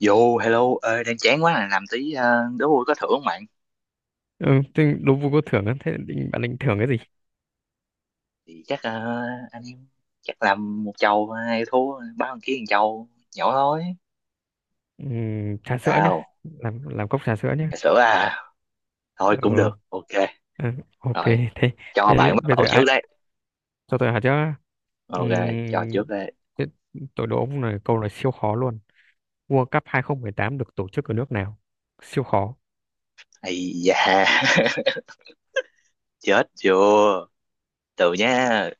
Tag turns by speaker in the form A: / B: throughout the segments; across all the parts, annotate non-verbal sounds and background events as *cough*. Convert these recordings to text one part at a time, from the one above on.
A: Yo, hello, ơi đang chán quá à, làm tí đố vui có thưởng không bạn?
B: Ừ, Thế đố vui có thưởng á. Thế bạn định thưởng cái gì?
A: Thì chắc anh em chắc làm một chầu hai thua ba thằng kia một chầu nhỏ thôi.
B: Trà sữa nhá,
A: Sao?
B: làm cốc trà sữa nhá.
A: Trà sữa à? Thôi cũng được.
B: Ừ,
A: Ok.
B: ừ, ok.
A: Rồi,
B: thế
A: cho
B: thế
A: bạn bắt
B: bây giờ
A: đầu trước
B: ai
A: đấy.
B: cho tôi hỏi chứ?
A: Ok, cho
B: Ừm,
A: trước đấy.
B: Thế tôi đố ông này câu này siêu khó luôn. World Cup 2018 được tổ chức ở nước nào? Siêu khó.
A: Ây da, *laughs* chết chưa? Từ nha.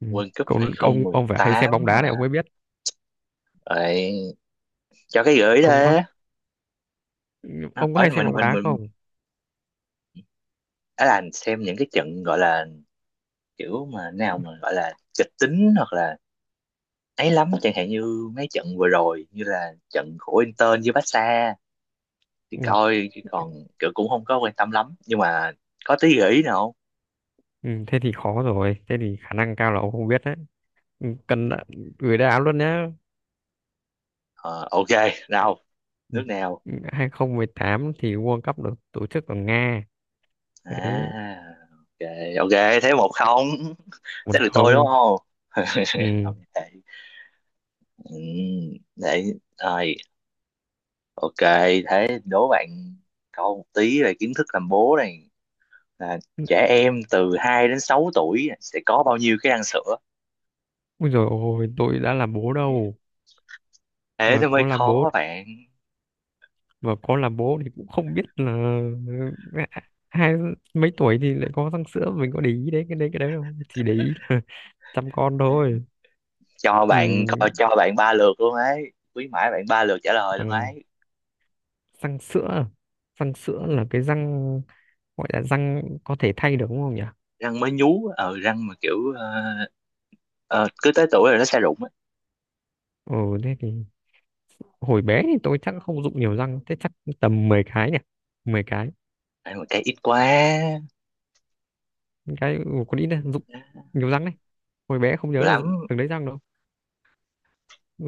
A: World Cup
B: Câu, ông phải hay xem bóng
A: 2018
B: đá
A: mà.
B: này ông mới biết.
A: Rồi, cho cái gửi
B: ông có
A: đấy.
B: ông có
A: Ở
B: hay xem
A: mình
B: bóng
A: mình
B: đá
A: mình
B: không?
A: ở là xem những cái trận gọi là kiểu mà nào mà gọi là kịch tính hoặc là ấy lắm, chẳng hạn như mấy trận vừa rồi như là trận của Inter với Barca thì
B: Ui,
A: coi, chứ còn kiểu cũng không có quan tâm lắm, nhưng mà có tí gợi ý nào không?
B: ừ, thế thì khó rồi, thế thì khả năng cao là ông không biết đấy. Ừ, gửi đáp án luôn nhé.
A: Ờ, ok, nào,
B: Ừ.
A: nước nào?
B: 2018 thì World Cup được tổ chức ở Nga. Đấy,
A: À, ok ok, thế một không. *laughs*
B: một
A: Thế được tôi đúng
B: không.
A: không? *laughs*
B: Ừ.
A: Không vậy. Ừ, để rồi, ok, thế đố bạn câu một tí về kiến thức làm bố này, là trẻ em từ 2 đến 6 tuổi sẽ có bao nhiêu cái răng sữa?
B: Ui dồi ôi, tôi đã là bố đâu,
A: Thế
B: mà
A: nó mới
B: có là bố
A: khó bạn.
B: mà có là bố thì cũng không biết là. À, hai mấy tuổi thì lại có răng sữa mình có để ý đấy, cái đấy đâu, chỉ để ý là *laughs* chăm con
A: Thế
B: thôi.
A: cho
B: Ừ.
A: bạn coi, cho bạn ba lượt luôn ấy, quý mãi bạn ba lượt trả lời luôn
B: Bằng
A: ấy.
B: răng sữa răng
A: Ừ.
B: sữa là cái răng gọi là răng có thể thay được, đúng không nhỉ?
A: Răng mới nhú, răng mà kiểu ờ, cứ tới tuổi rồi nó sẽ rụng ấy.
B: Ừ, thế thì hồi bé thì tôi chắc không dụng nhiều răng thế chắc. Tầm 10 cái nhỉ, 10 cái.
A: Ăn một cái ít quá.
B: Cái ừ, còn ít đấy, dụng
A: Nhiều
B: nhiều răng đấy. Hồi bé không nhớ là
A: lắm,
B: dụng từng đấy răng đâu. Ừ,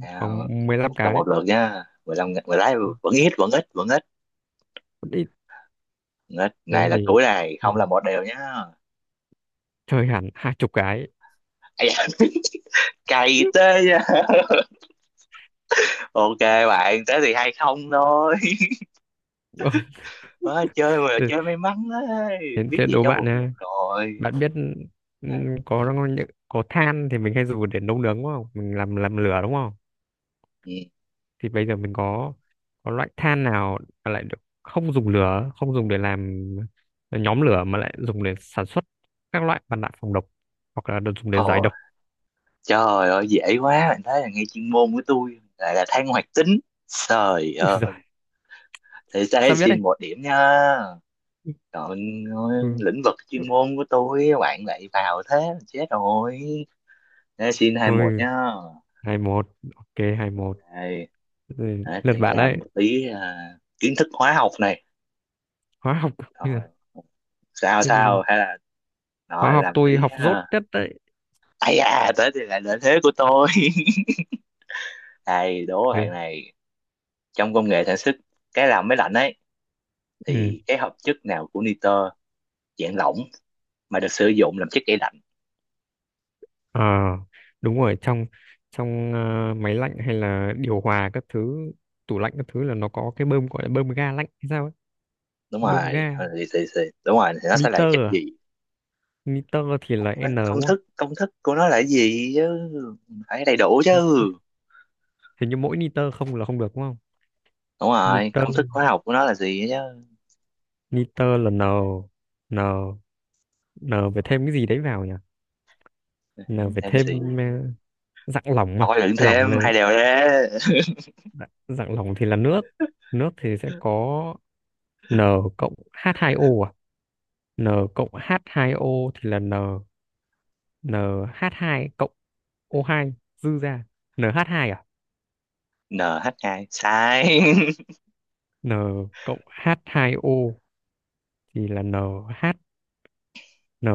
A: nào,
B: khoảng 15
A: một câu
B: cái.
A: một lượt nha. Mười lái vẫn ít, vẫn ít, vẫn ít,
B: Còn ít.
A: vẫn ít. Này
B: thế
A: là
B: thì,
A: cuối này,
B: thì
A: không là một đều nhá.
B: chơi hẳn 20 cái.
A: Ây da, *laughs* cày tê
B: *laughs*
A: nha. *laughs* Ok bạn, thế thì hay không thôi.
B: Ừ,
A: Má, chơi mà
B: thế,
A: chơi may mắn ấy,
B: thế
A: biết
B: thế
A: gì
B: đố
A: cho
B: bạn
A: một lượt
B: nha.
A: rồi.
B: Bạn biết ừ,
A: À,
B: có than thì mình hay dùng để nấu nướng đúng không, mình làm lửa đúng không?
A: ừ.
B: Thì bây giờ mình có loại than nào mà lại được không dùng lửa, không dùng để làm nhóm lửa mà lại dùng để sản xuất các loại mặt nạ phòng độc hoặc là được dùng để giải
A: Thôi,
B: độc.
A: trời ơi dễ quá bạn, thấy là ngay chuyên môn của tôi lại là than hoạt tính. Trời
B: *laughs* Úi
A: ơi,
B: giời,
A: thì sẽ
B: sao biết đây?
A: xin một điểm nha. Còn
B: Ừ.
A: lĩnh vực
B: Ừ.
A: chuyên môn của tôi bạn lại vào, thế là chết rồi. Thế xin hai một
B: Ôi,
A: nhá.
B: hai một. Ok, hai một.
A: Đây,
B: Ừ,
A: đấy,
B: lượt
A: thì
B: bạn
A: làm
B: đấy.
A: một tí à, kiến thức hóa học này.
B: Hóa học *laughs* bây giờ,
A: Rồi, sao
B: thế thì
A: sao hay là
B: hóa
A: rồi
B: học
A: làm
B: tôi
A: tí
B: học dốt
A: à.
B: nhất đấy.
A: Ây da, tới thì lại lợi thế của tôi. *laughs* Này, đố
B: Ừ.
A: bạn này. Trong công nghệ sản xuất cái làm máy lạnh ấy,
B: Ừ.
A: thì cái hợp chất nào của nitơ dạng lỏng mà được sử dụng làm chất gây lạnh?
B: Ờ, đúng rồi, trong trong ờ, máy lạnh hay là điều hòa các thứ, tủ lạnh các thứ là nó có cái bơm gọi là bơm ga lạnh hay sao ấy.
A: Đúng
B: Bơm
A: rồi,
B: ga
A: đúng rồi, thì nó sẽ là chất
B: niter à?
A: gì?
B: Niter thì là n đúng không?
A: Công thức của nó là cái gì chứ? Phải đầy đủ chứ.
B: Niter. Hình như mỗi niter không là không được đúng không?
A: Đúng rồi,
B: niter
A: công thức hóa học của nó là gì chứ?
B: niter là n. N, n phải thêm cái gì đấy vào nhỉ? N phải
A: Thêm
B: thêm
A: gì?
B: dạng lỏng mà.
A: Thôi đừng
B: Lỏng
A: thêm,
B: là
A: hai đều đấy. *laughs*
B: dạng lỏng thì là nước. Nước thì sẽ có n cộng h hai o à? N cộng h hai o thì là n, n, nh hai cộng o hai dư ra nh hai à?
A: NH2, sai. *laughs*
B: N cộng h hai o thì là NH, nh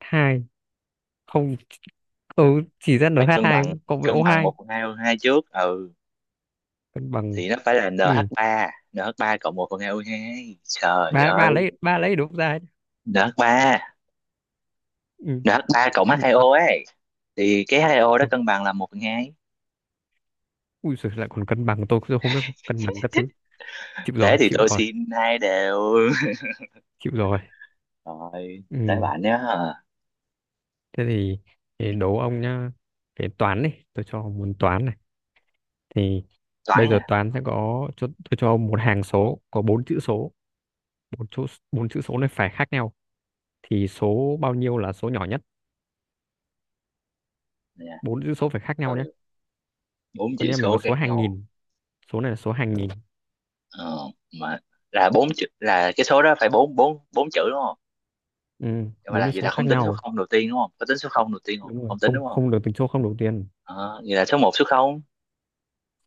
B: hai không ừ, chỉ ra nh
A: Phải
B: hai cộng với
A: cân
B: o
A: bằng
B: hai
A: một phần hai hơn hai trước. Ừ.
B: cân bằng.
A: Thì nó phải là
B: Ừ.
A: NH3 nh ba en hát ba cộng một phần HO2, trời
B: Ba, ba
A: ơi.
B: lấy, ba lấy đúng ra ấy.
A: NH3 nh ba
B: Ừ.
A: en hát ba cộng
B: Ui,
A: H2O ấy, thì cái hai o đó
B: ui,
A: cân bằng là một phần 2.
B: ui giời, lại còn cân bằng tôi cũng không biết, cân bằng các thứ. Chịu
A: Thế
B: rồi,
A: thì
B: chịu
A: tôi
B: rồi,
A: xin hai đều.
B: chịu rồi.
A: *laughs* Rồi, tới
B: Ừ.
A: bạn nhé.
B: Thế thì đố ông nhá. Cái toán này tôi cho ông, muốn toán này thì bây
A: Toán
B: giờ
A: à?
B: toán sẽ tôi cho ông một hàng số có bốn chữ số. Bốn chỗ, bốn chữ số này phải khác nhau, thì số bao nhiêu là số nhỏ nhất?
A: Nè,
B: Bốn chữ số phải khác nhau nhé.
A: từ bốn
B: Con
A: chữ
B: nhà mình
A: số
B: có số
A: khác
B: hàng
A: nhau.
B: nghìn, số này là số hàng nghìn.
A: Ờ, mà là bốn chữ, là cái số đó phải bốn bốn bốn chữ đúng không?
B: Ừ,
A: Nhưng mà
B: bốn
A: là,
B: cái
A: vậy
B: số
A: là
B: khác
A: không tính số
B: nhau.
A: không đầu tiên đúng không, có tính số không đầu tiên không,
B: Đúng rồi,
A: không tính
B: không,
A: đúng không?
B: không được tính số không đầu tiên.
A: Ờ, vậy là số một số không.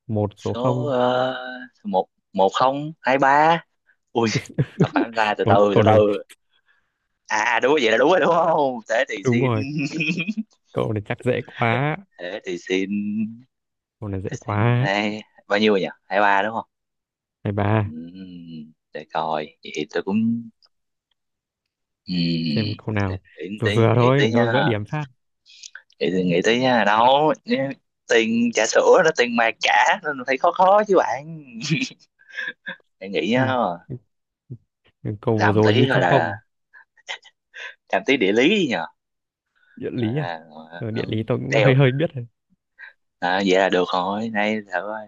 B: Một số
A: Số
B: không.
A: một, một không hai ba. Ui. Thật
B: *laughs*
A: phản ra, từ
B: cậu,
A: từ từ
B: cậu này
A: từ, à đúng, vậy là đúng rồi đúng không? Thế thì
B: đúng
A: xin.
B: rồi. Cậu này chắc dễ quá.
A: *laughs* Thế thì xin,
B: Cậu này dễ
A: thế xin
B: quá.
A: hai. Bao nhiêu rồi nhỉ, hai ba đúng không?
B: Này bà,
A: Để coi, vậy thì tôi cũng ừm,
B: xem câu
A: để
B: nào
A: nghĩ
B: vừa
A: tí,
B: vừa
A: nghĩ
B: thôi
A: tí
B: tôi
A: nha.
B: gỡ điểm phát.
A: Nghĩ tí, nghĩ tí nha, đâu nhé, tiền trà sữa đó tiền mà trả nên phải khó khó chứ bạn. *laughs* Để nghĩ nha.
B: Ừ. Câu vừa
A: Làm
B: rồi
A: tí
B: như
A: rồi
B: cho
A: là
B: không.
A: làm tí địa lý nhờ.
B: Địa
A: Rồi
B: lý à?
A: là- rồi
B: Ờ,
A: là-
B: địa lý tôi cũng
A: đeo,
B: hơi hơi biết rồi.
A: à, vậy là được rồi, nay thử ơi.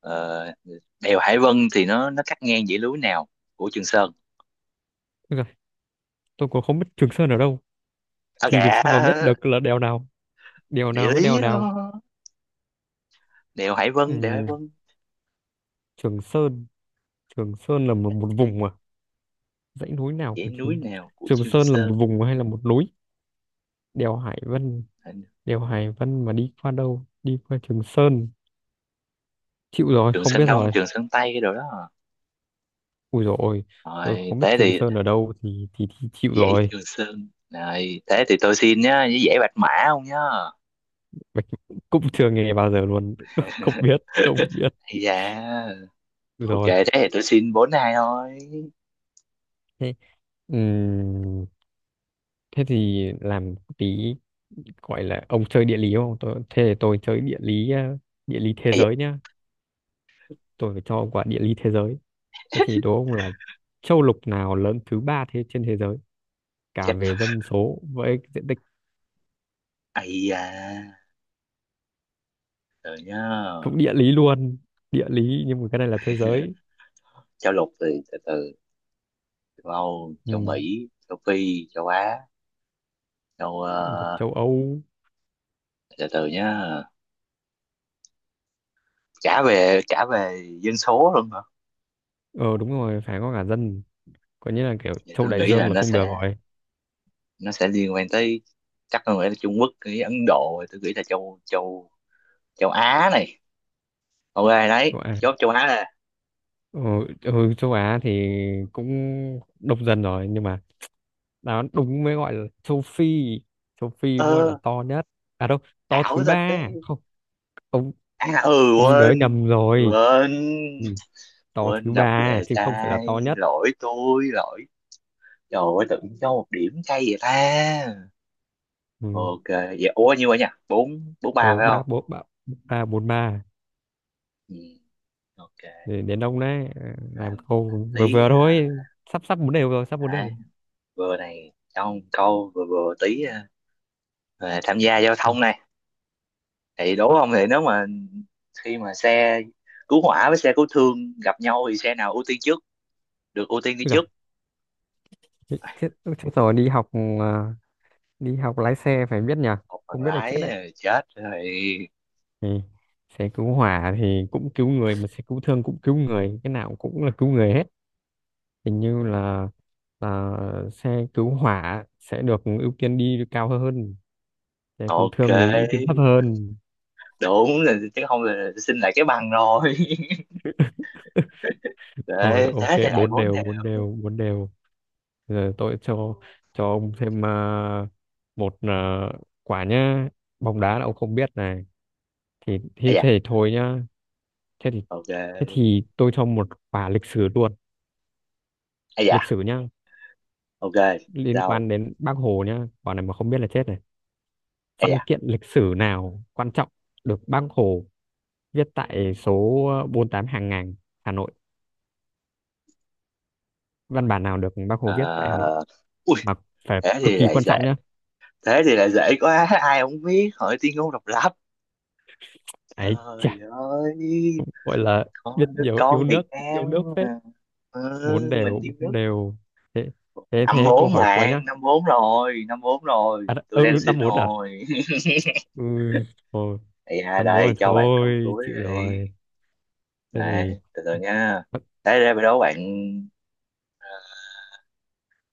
A: ờ, đèo Hải Vân thì nó cắt ngang dãy núi nào của Trường Sơn?
B: Ôi giời, tôi cũng không biết Trường Sơn ở đâu
A: À
B: thì làm sao mà biết
A: kìa,
B: được là đèo nào, đèo
A: địa
B: nào với đèo
A: lý
B: nào.
A: đó, đèo Hải Vân, đèo Hải
B: Ừ.
A: Vân,
B: Trường Sơn Trường Sơn là một
A: ngang
B: vùng à? Dãy núi nào
A: dãy
B: của
A: núi
B: Trường,
A: nào của
B: Trường
A: Trường
B: Sơn là một
A: Sơn?
B: vùng hay là một núi? Đèo Hải Vân đèo Hải Vân mà đi qua đâu, đi qua Trường Sơn? Chịu rồi,
A: Trường
B: không
A: Sơn
B: biết
A: Đông
B: rồi.
A: Trường Sơn Tây cái đồ đó à.
B: Ui rồi, tôi
A: Rồi
B: không biết
A: thế
B: Trường
A: thì
B: Sơn ở đâu thì, chịu
A: dãy
B: rồi.
A: Trường Sơn, rồi thế thì tôi xin nhá, với dãy Bạch Mã không nhá.
B: Bạch *laughs* cũng chưa nghe bao giờ luôn, *laughs* không biết, không biết.
A: Ây da,
B: Ui
A: ok
B: rồi.
A: thế thì tôi xin bốn hai thôi.
B: Thế ừm, thế thì làm tí gọi là, ông chơi địa lý không, tôi thế thì tôi chơi địa lý, địa lý thế
A: Ây da,
B: giới nhá. Tôi phải cho ông quả địa lý thế giới. Thế thì đố ông là châu lục nào lớn thứ ba thế trên thế giới, cả
A: chết.
B: về dân số với diện tích.
A: Ây da, rồi nhá.
B: Cũng địa lý luôn. Địa lý nhưng mà cái này là thế giới.
A: *laughs* Châu lục thì, từ từ, châu Âu,
B: Ừ.
A: châu Mỹ, châu Phi, châu Á, châu
B: Còn
A: ờ,
B: châu Âu.
A: từ từ nhá. Trả về dân số luôn hả?
B: Ờ Đúng rồi, phải có cả dân, có nghĩa là kiểu
A: Vậy
B: châu
A: tôi
B: Đại
A: nghĩ là
B: Dương là
A: nó
B: không
A: sẽ,
B: được rồi.
A: nó sẽ liên quan tới, chắc tôi nghĩ là Trung Quốc, cái Ấn Độ, tôi nghĩ là châu châu châu Á này. Ok đấy,
B: Châu Á.
A: chốt châu Á là.
B: Ờ, ừ, châu Á thì cũng đông dân rồi nhưng mà đó đúng mới gọi là châu Phi. Châu Phi mới gọi là
A: Ơ,
B: to nhất. À đâu, to
A: ảo
B: thứ
A: thật
B: ba
A: đấy.
B: không. ông
A: À ừ,
B: ông nhớ nhầm
A: quên,
B: rồi.
A: quên,
B: Ừ. To
A: quên
B: thứ
A: đọc
B: ba
A: đề
B: chứ không phải là to
A: sai.
B: nhất.
A: Lỗi tôi, lỗi. Trời ơi, tự nhiên cho một điểm cay vậy ta.
B: Ừ.
A: Ok vậy, ủa nhiêu vậy nhỉ, bốn bốn ba
B: Ở
A: phải
B: ba
A: không?
B: bốn ba, ba bốn ba.
A: Ừ. Ok,
B: Để đến ông đấy, làm
A: làm
B: câu vừa
A: tí
B: vừa
A: ha.
B: thôi. Sắp sắp bốn đều rồi, sắp bốn đều
A: À,
B: rồi.
A: vừa này trong câu vừa vừa tí à, về tham gia giao
B: Ừ.
A: thông này, thì đố không, thì nếu mà khi mà xe cứu hỏa với xe cứu thương gặp nhau thì xe nào ưu tiên trước, được ưu tiên đi
B: Úi giời,
A: trước?
B: chết,
A: À,
B: chết, chết rồi. Đi học, ờ, đi học lái xe phải biết nhỉ.
A: một bằng
B: Không biết là chết
A: lái
B: đấy.
A: à, chết rồi.
B: Ừ. Xe cứu hỏa thì cũng cứu người, mà xe cứu thương cũng cứu người, cái nào cũng là cứu người hết. Hình như là xe cứu hỏa sẽ được ưu tiên đi cao hơn, thế cứu
A: Ok,
B: thương thì ưu tiên thấp hơn.
A: đúng là chứ không là xin lại cái bằng rồi.
B: *laughs*
A: *laughs*
B: Thôi
A: Đấy
B: ok,
A: thế thì lại
B: bốn
A: bốn
B: đều,
A: đều.
B: bốn đều, bốn đều. Giờ tôi cho ông thêm một quả nhá. Bóng đá là ông không biết này thì
A: À
B: thì
A: dạ,
B: thể thôi nhá. thế thì
A: ok.
B: thế thì tôi cho một quả lịch sử luôn.
A: À
B: Lịch
A: dạ,
B: sử nhá,
A: ok.
B: liên
A: Sao?
B: quan đến Bác Hồ nhá, quả này mà không biết là chết này. Văn kiện lịch sử nào quan trọng được Bác Hồ viết tại số 48 hàng ngàn Hà Nội, văn bản nào được Bác Hồ viết tại Hà Nội
A: À, ui
B: mà phải
A: thế
B: cực
A: thì
B: kỳ
A: lại
B: quan
A: dễ,
B: trọng nhá.
A: thế thì lại dễ quá, ai không biết hỏi tuyên ngôn độc lập.
B: Ấy chà,
A: Trời ơi,
B: gọi là biết
A: con đứa
B: nhiều, yêu
A: con
B: nước,
A: Việt
B: yêu
A: Nam
B: nước phết.
A: mà.
B: Bốn
A: Ừ,
B: đều,
A: mình yêu
B: bốn
A: nước.
B: đều. thế thế
A: Năm
B: thế câu
A: bốn
B: hỏi cuối
A: bạn,
B: nhá.
A: năm bốn rồi, năm bốn rồi
B: À,
A: tôi đang
B: ừ,
A: xin
B: năm bốn à.
A: rồi.
B: Ừ, thôi,
A: *laughs* Ây da,
B: năm bốn
A: đây
B: rồi
A: cho bạn câu
B: thôi,
A: cuối
B: chịu
A: đi,
B: rồi. Thế
A: này
B: thì.
A: từ từ nha,
B: Ủa,
A: thế ra đâu bạn. ờ,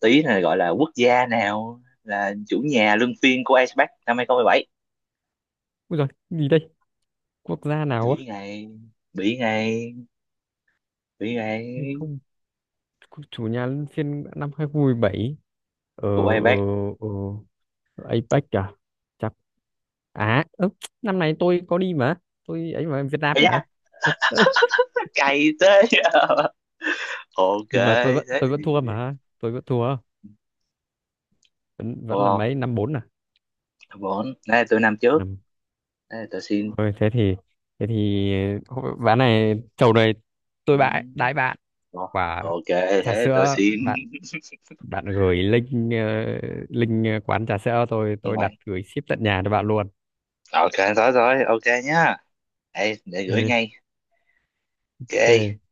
A: tí này gọi là quốc gia nào là chủ nhà luân phiên của Ice Pack năm 2017?
B: ui giời, gì đây, quốc gia nào á,
A: Bị ngay, bị ngay, bị ngay.
B: hay không? Chủ nhà luân phiên năm 2017 ở
A: Của ai
B: ở
A: bác?
B: ờ APEC à, chắc. À năm này tôi có đi mà. Tôi ấy mà Việt Nam
A: Ấy da,
B: mà.
A: *laughs* cày thế. *laughs* Ok
B: Nhưng mà tôi vẫn
A: thế
B: tôi
A: thì
B: vẫn thua mà tôi vẫn thua. Vẫn vẫn là
A: wow,
B: mấy? Năm bốn à.
A: bốn, đây là tôi năm trước,
B: Năm,
A: đây là tôi xin.
B: thôi. Thế thì ván này, chầu này tôi
A: Ừ.
B: bãi đãi bạn
A: Ồ,
B: quả
A: ok
B: trà
A: thế tôi
B: sữa
A: xin.
B: bạn. Bạn gửi link link quán trà sữa tôi
A: *laughs* Nhưng
B: tôi
A: mà
B: đặt gửi ship tận nhà cho bạn luôn.
A: ok, rồi rồi, ok nhá, đây để gửi
B: Ok
A: ngay. Ok.
B: ok.